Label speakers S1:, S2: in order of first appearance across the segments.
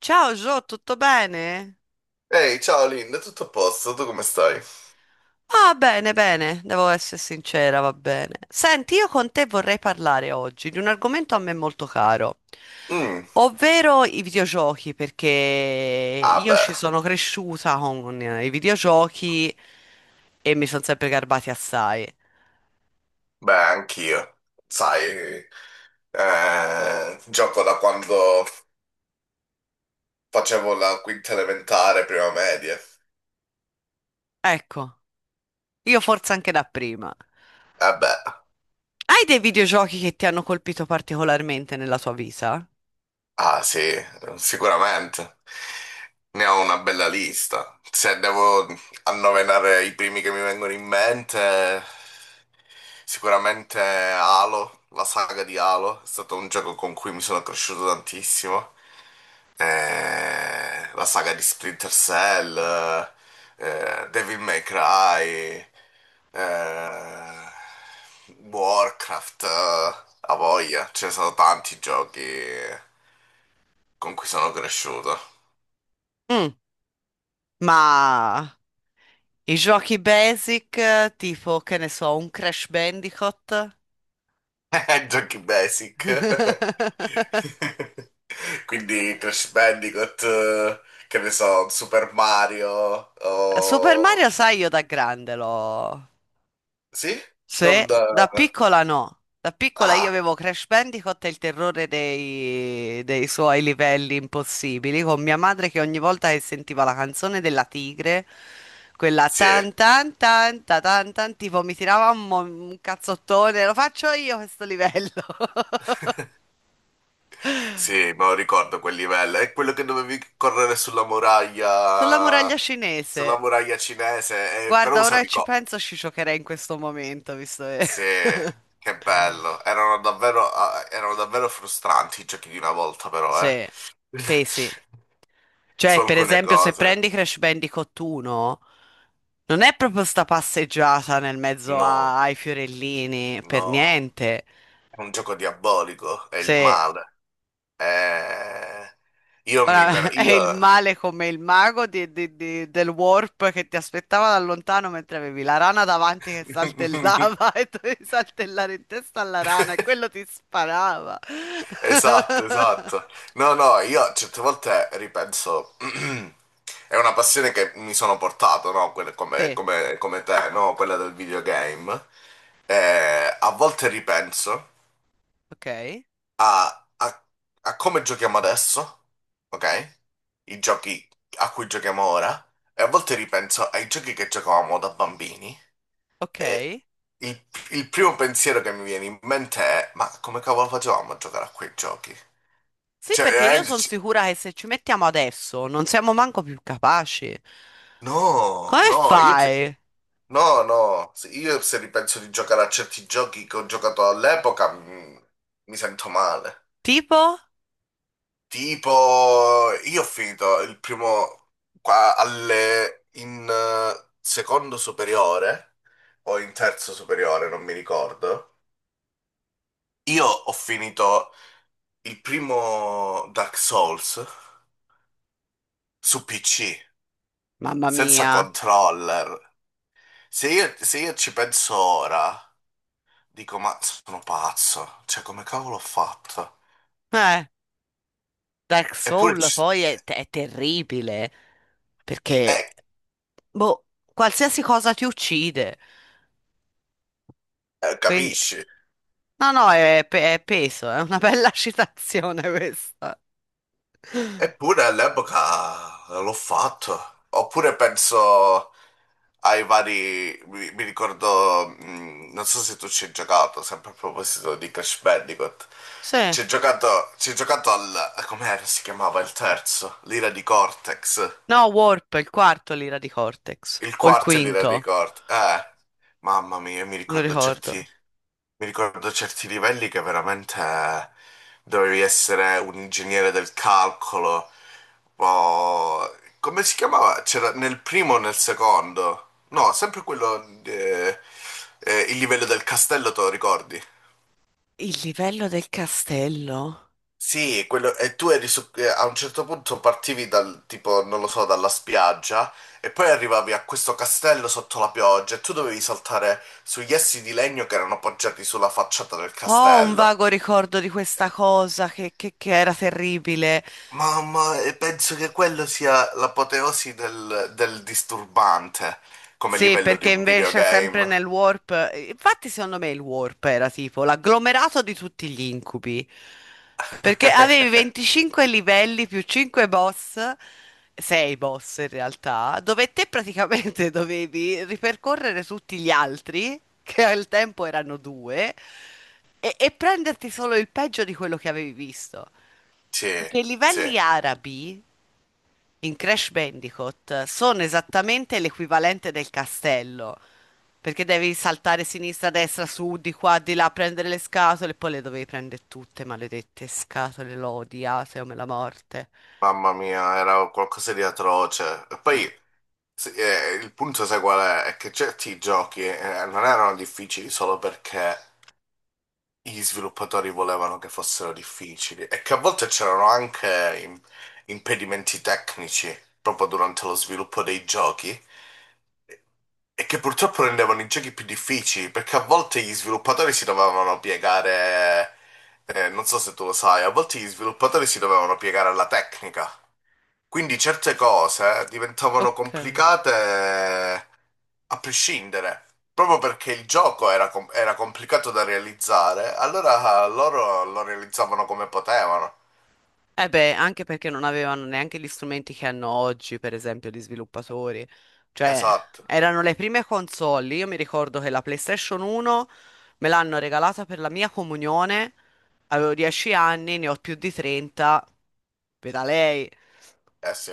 S1: Ciao Gio, tutto bene?
S2: Ehi, ciao Linda, tutto a posto? Tu come stai?
S1: Ah, bene, bene, devo essere sincera, va bene. Senti, io con te vorrei parlare oggi di un argomento a me molto caro,
S2: Mm,
S1: ovvero i videogiochi, perché
S2: ah
S1: io
S2: beh,
S1: ci sono cresciuta con i videogiochi e mi sono sempre garbati assai.
S2: beh, anch'io. Sai, gioco da quando facevo la quinta elementare, prima media.
S1: Ecco, io forse anche da prima.
S2: Eh beh,
S1: Hai dei videogiochi che ti hanno colpito particolarmente nella tua vita?
S2: ah sì, sicuramente. Ne ho una bella lista. Se devo annoverare i primi che mi vengono in mente, sicuramente Halo, la saga di Halo, è stato un gioco con cui mi sono cresciuto tantissimo. La saga di Splinter Cell, Devil May Cry, eh, Warcraft, a voglia, ce ne sono tanti giochi con cui sono cresciuto.
S1: Mm, ma i giochi basic, tipo, che ne so, un Crash Bandicoot.
S2: Giochi basic. Quindi Crash Bandicoot, che ne so, Super Mario,
S1: Super Mario,
S2: o...
S1: sai, io da grande l'ho.
S2: Sì?
S1: Sì,
S2: Non da...
S1: da piccola no. Da piccola io
S2: Ah,
S1: avevo Crash Bandicoot e il terrore dei suoi livelli impossibili, con mia madre che ogni volta che sentiva la canzone della tigre, quella
S2: sì.
S1: tan tan tan ta tan tan, tipo mi tirava un cazzottone, lo faccio io questo livello.
S2: Sì, me lo ricordo quel livello. È quello che dovevi correre
S1: Sulla muraglia
S2: sulla
S1: cinese.
S2: muraglia cinese, però
S1: Guarda, ora che
S2: usavi
S1: ci
S2: co.
S1: penso, ci giocherei in questo momento, visto che.
S2: Sì, che bello. Erano davvero, ah, erano davvero frustranti i giochi di una volta, però, eh.
S1: Sì, pesi.
S2: Su
S1: Cioè, per
S2: alcune
S1: esempio, se
S2: cose.
S1: prendi Crash Bandicoot 1, non è proprio sta passeggiata nel mezzo
S2: No,
S1: ai fiorellini, per
S2: no.
S1: niente.
S2: È un gioco diabolico, è il
S1: Sì,
S2: male. Eh,
S1: ora è
S2: Io...
S1: il male come il mago del warp che ti aspettava da lontano mentre avevi la rana davanti che saltellava e dovevi saltellare in testa alla rana e quello ti sparava.
S2: Esatto, esatto. No, no, io certe volte ripenso, è una passione che mi sono portato, no? Come,
S1: Sì.
S2: come te, no? Quella del videogame. A volte ripenso
S1: Ok,
S2: a, a- a come giochiamo adesso, ok? I giochi a cui giochiamo ora, e a volte ripenso ai giochi che giocavamo da bambini.
S1: ok.
S2: E il, il primo pensiero che mi viene in mente è: ma come cavolo facevamo a giocare a quei giochi?
S1: Sì,
S2: Cioè,
S1: perché io
S2: veramente.
S1: sono sicura che se ci mettiamo adesso non siamo manco più capaci.
S2: No,
S1: Come
S2: no, io se,
S1: fai?
S2: no, io se ripenso di giocare a certi giochi che ho giocato all'epoca sento male.
S1: Tipo?
S2: Tipo, io ho finito il primo qua alle, in secondo superiore o in terzo superiore, non mi ricordo. Io ho finito il primo Dark Souls su PC,
S1: Mamma
S2: senza
S1: mia.
S2: controller. Se io ci penso ora. Dico, ma sono pazzo, cioè come cavolo ho fatto?
S1: Eh, Dark
S2: Eppure,
S1: Soul
S2: ci-
S1: poi è,
S2: eh,
S1: è terribile, perché,
S2: eh,
S1: boh, qualsiasi cosa ti uccide. Quindi,
S2: capisci?
S1: no, no, è peso, è una bella citazione questa.
S2: Eppure all'epoca l'ho fatto. Oppure penso ai vari, mi ricordo, non so se tu ci hai giocato, sempre a proposito di Crash Bandicoot.
S1: Sì.
S2: Ci hai giocato al, com'era si chiamava il terzo? L'ira di Cortex.
S1: No, Warp, il quarto l'ira di Cortex,
S2: Il
S1: o il
S2: quarto è l'ira di
S1: quinto,
S2: Cortex. Mamma mia, mi
S1: non lo
S2: ricordo certi...
S1: ricordo.
S2: Mi ricordo certi livelli che veramente dovevi essere un ingegnere del calcolo. Come si chiamava? C'era nel primo o nel secondo? No, sempre quello. Il livello del castello, te lo ricordi?
S1: Il livello del castello?
S2: Sì, quello, e tu eri su, a un certo punto partivi dal tipo, non lo so, dalla spiaggia e poi arrivavi a questo castello sotto la pioggia e tu dovevi saltare sugli essi di legno che erano appoggiati sulla facciata del
S1: Ho un
S2: castello.
S1: vago ricordo di questa cosa che era terribile.
S2: Mamma, e penso che quello sia l'apoteosi del disturbante come
S1: Sì,
S2: livello di
S1: perché
S2: un
S1: invece sempre
S2: videogame.
S1: nel warp, infatti secondo me il warp era tipo l'agglomerato di tutti gli incubi, perché avevi 25 livelli più 5 boss, 6 boss in realtà, dove te praticamente dovevi ripercorrere tutti gli altri, che al tempo erano due, e prenderti solo il peggio di quello che avevi visto.
S2: Sì,
S1: Che i
S2: sì,
S1: livelli arabi in Crash Bandicoot sono esattamente l'equivalente del castello, perché devi saltare sinistra, destra, su, di qua, di là, prendere le scatole e poi le dovevi prendere tutte, maledette scatole, l'ho odiate come la morte.
S2: mamma mia, era qualcosa di atroce. E
S1: Mm.
S2: poi sì, il punto, sai qual è? È che certi giochi non erano difficili solo perché gli sviluppatori volevano che fossero difficili e che a volte c'erano anche impedimenti tecnici proprio durante lo sviluppo dei giochi e che purtroppo rendevano i giochi più difficili perché a volte gli sviluppatori si dovevano piegare, non so se tu lo sai, a volte gli sviluppatori si dovevano piegare alla tecnica. Quindi certe cose diventavano
S1: Ok.
S2: complicate a prescindere, proprio perché il gioco era, era complicato da realizzare, allora loro lo realizzavano come potevano.
S1: Eh beh, anche perché non avevano neanche gli strumenti che hanno oggi, per esempio, gli sviluppatori. Cioè,
S2: Esatto,
S1: erano le prime console. Io mi ricordo che la PlayStation 1 me l'hanno regalata per la mia comunione. Avevo 10 anni, ne ho più di 30. Veda lei.
S2: eh sì,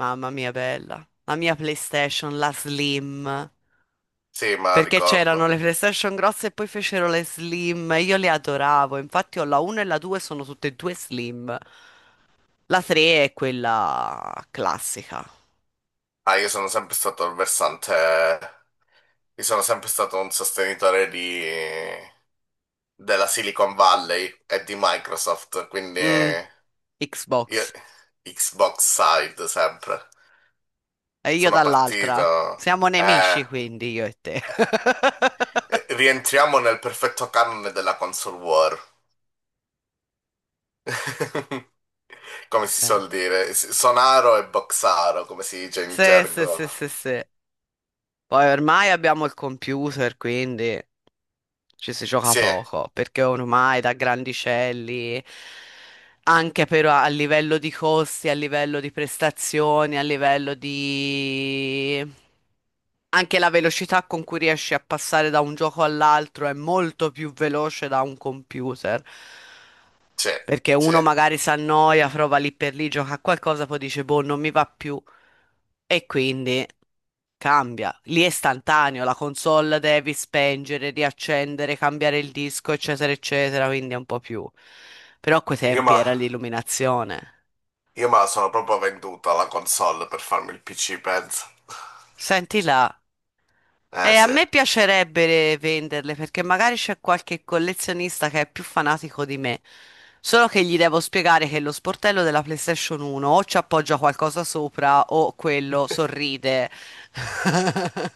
S1: Mamma mia, bella. La mia PlayStation, la Slim.
S2: sì, ma
S1: Perché c'erano
S2: ricordo.
S1: le PlayStation grosse e poi fecero le Slim. Io le adoravo. Infatti ho la 1 e la 2, sono tutte e due Slim. La 3 è quella classica.
S2: Ah, io sono sempre stato un sostenitore della Silicon Valley e di Microsoft, quindi
S1: Mm,
S2: io
S1: Xbox.
S2: Xbox side sempre.
S1: E io
S2: Sono partito,
S1: dall'altra. Siamo nemici, quindi io e te.
S2: rientriamo nel perfetto canone della console war. Come si
S1: Beh.
S2: suol dire, sonaro e boxaro, come si dice in
S1: Sì, sì, sì,
S2: gergo.
S1: sì, sì. Poi ormai abbiamo il computer, quindi ci si gioca
S2: Sì,
S1: poco, perché ormai da grandicelli, anche però a livello di costi, a livello di prestazioni, a livello di. Anche la velocità con cui riesci a passare da un gioco all'altro è molto più veloce da un computer.
S2: sì,
S1: Perché
S2: sì.
S1: uno magari si annoia, prova lì per lì, gioca a qualcosa, poi dice, boh, non mi va più. E quindi cambia. Lì è istantaneo, la console devi spengere, riaccendere, cambiare il disco, eccetera, eccetera, quindi è un po' più. Però a quei
S2: Io
S1: tempi
S2: ma,
S1: era l'illuminazione.
S2: io ma sono proprio venduto alla console per farmi il PC, penso.
S1: Senti là. E
S2: Eh
S1: a
S2: sì.
S1: me piacerebbe venderle perché magari c'è qualche collezionista che è più fanatico di me. Solo che gli devo spiegare che lo sportello della PlayStation 1 o ci appoggia qualcosa sopra o quello sorride.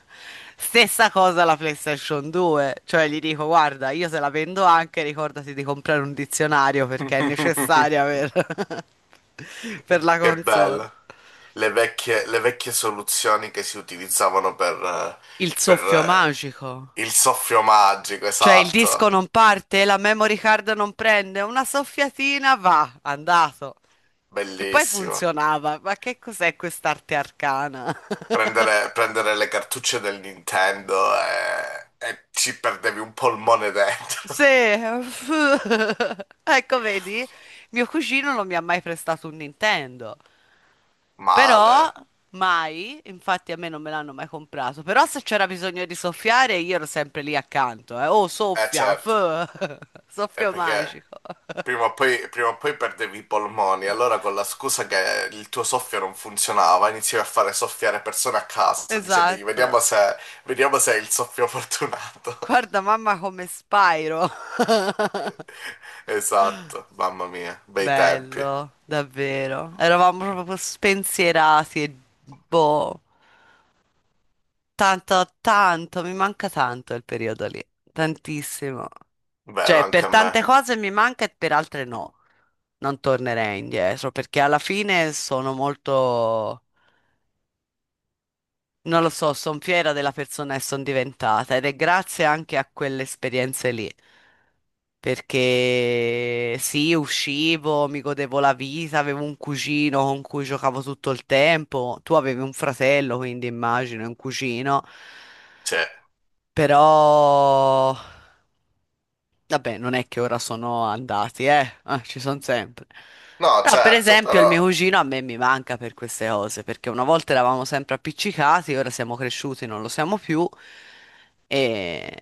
S1: Stessa cosa la PlayStation 2, cioè gli dico guarda, io se la vendo anche ricordati di comprare un dizionario perché è necessaria per, per la
S2: Che
S1: console.
S2: bello. Le vecchie soluzioni che si utilizzavano per, eh,
S1: Il
S2: per,
S1: soffio magico.
S2: eh, il soffio magico,
S1: Cioè il disco
S2: esatto.
S1: non parte, la memory card non prende, una soffiatina va, andato. E poi
S2: Bellissimo.
S1: funzionava. Ma che cos'è quest'arte arcana?
S2: Prendere le cartucce del Nintendo e ci perdevi un polmone dentro.
S1: Sì, ecco, vedi, mio cugino non mi ha mai prestato un Nintendo, però
S2: Male.
S1: mai, infatti a me non me l'hanno mai comprato, però se c'era bisogno di soffiare io ero sempre lì accanto, eh. Oh,
S2: Eh
S1: soffia,
S2: certo, è
S1: soffio
S2: perché
S1: magico.
S2: prima o poi perdevi i polmoni, allora con la scusa che il tuo soffio non funzionava, iniziavi a fare soffiare persone a caso, dicendogli
S1: Esatto.
S2: vediamo se è il soffio fortunato.
S1: Guarda mamma come Spyro.
S2: Esatto, mamma mia, bei tempi.
S1: Bello, davvero. Eravamo proprio spensierati e boh, tanto, tanto, mi manca tanto il periodo lì, tantissimo.
S2: Vero,
S1: Cioè,
S2: anche
S1: per
S2: a me.
S1: tante cose mi manca e per altre no. Non tornerei indietro perché alla fine sono molto. Non lo so, sono fiera della persona che sono diventata ed è grazie anche a quelle esperienze lì. Perché sì, uscivo, mi godevo la vita, avevo un cugino con cui giocavo tutto il tempo. Tu avevi un fratello, quindi immagino, e un cugino.
S2: Cioè,
S1: Però. Vabbè, non è che ora sono andati. Ah, ci sono sempre.
S2: no,
S1: Però, per
S2: certo,
S1: esempio, il
S2: però
S1: mio cugino a me mi manca per queste cose, perché una volta eravamo sempre appiccicati, ora siamo cresciuti, non lo siamo più. E,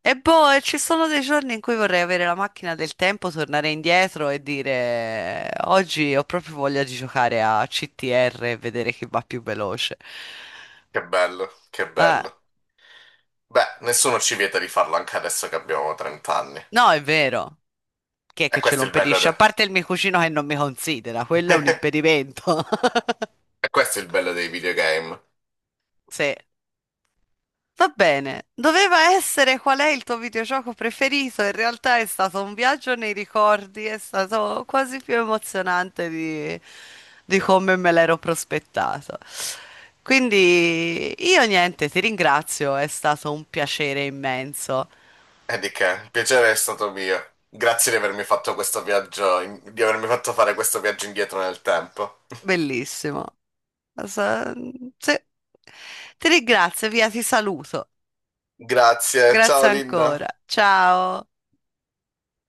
S1: e boh, e ci sono dei giorni in cui vorrei avere la macchina del tempo, tornare indietro e dire oggi ho proprio voglia di giocare a CTR e vedere chi va più veloce.
S2: che bello, che
S1: Eh,
S2: bello. Beh, nessuno ci vieta di farlo anche adesso che abbiamo 30 anni.
S1: no, è vero. Chi è
S2: E
S1: che ce lo
S2: questo è il bello
S1: impedisce? A
S2: de-
S1: parte il mio cugino che non mi considera, quello è un impedimento.
S2: E questo è il bello dei videogame.
S1: Sì. Va bene. Doveva essere qual è il tuo videogioco preferito? In realtà è stato un viaggio nei ricordi, è stato quasi più emozionante di come me l'ero prospettato. Quindi io niente, ti ringrazio, è stato un piacere immenso.
S2: E di che, il piacere è stato mio. Grazie di avermi fatto questo viaggio, di avermi fatto fare questo viaggio indietro nel tempo.
S1: Bellissimo. Sa- Sì. Ti ringrazio, via, ti saluto.
S2: Grazie, ciao
S1: Grazie
S2: Linda.
S1: ancora. Ciao.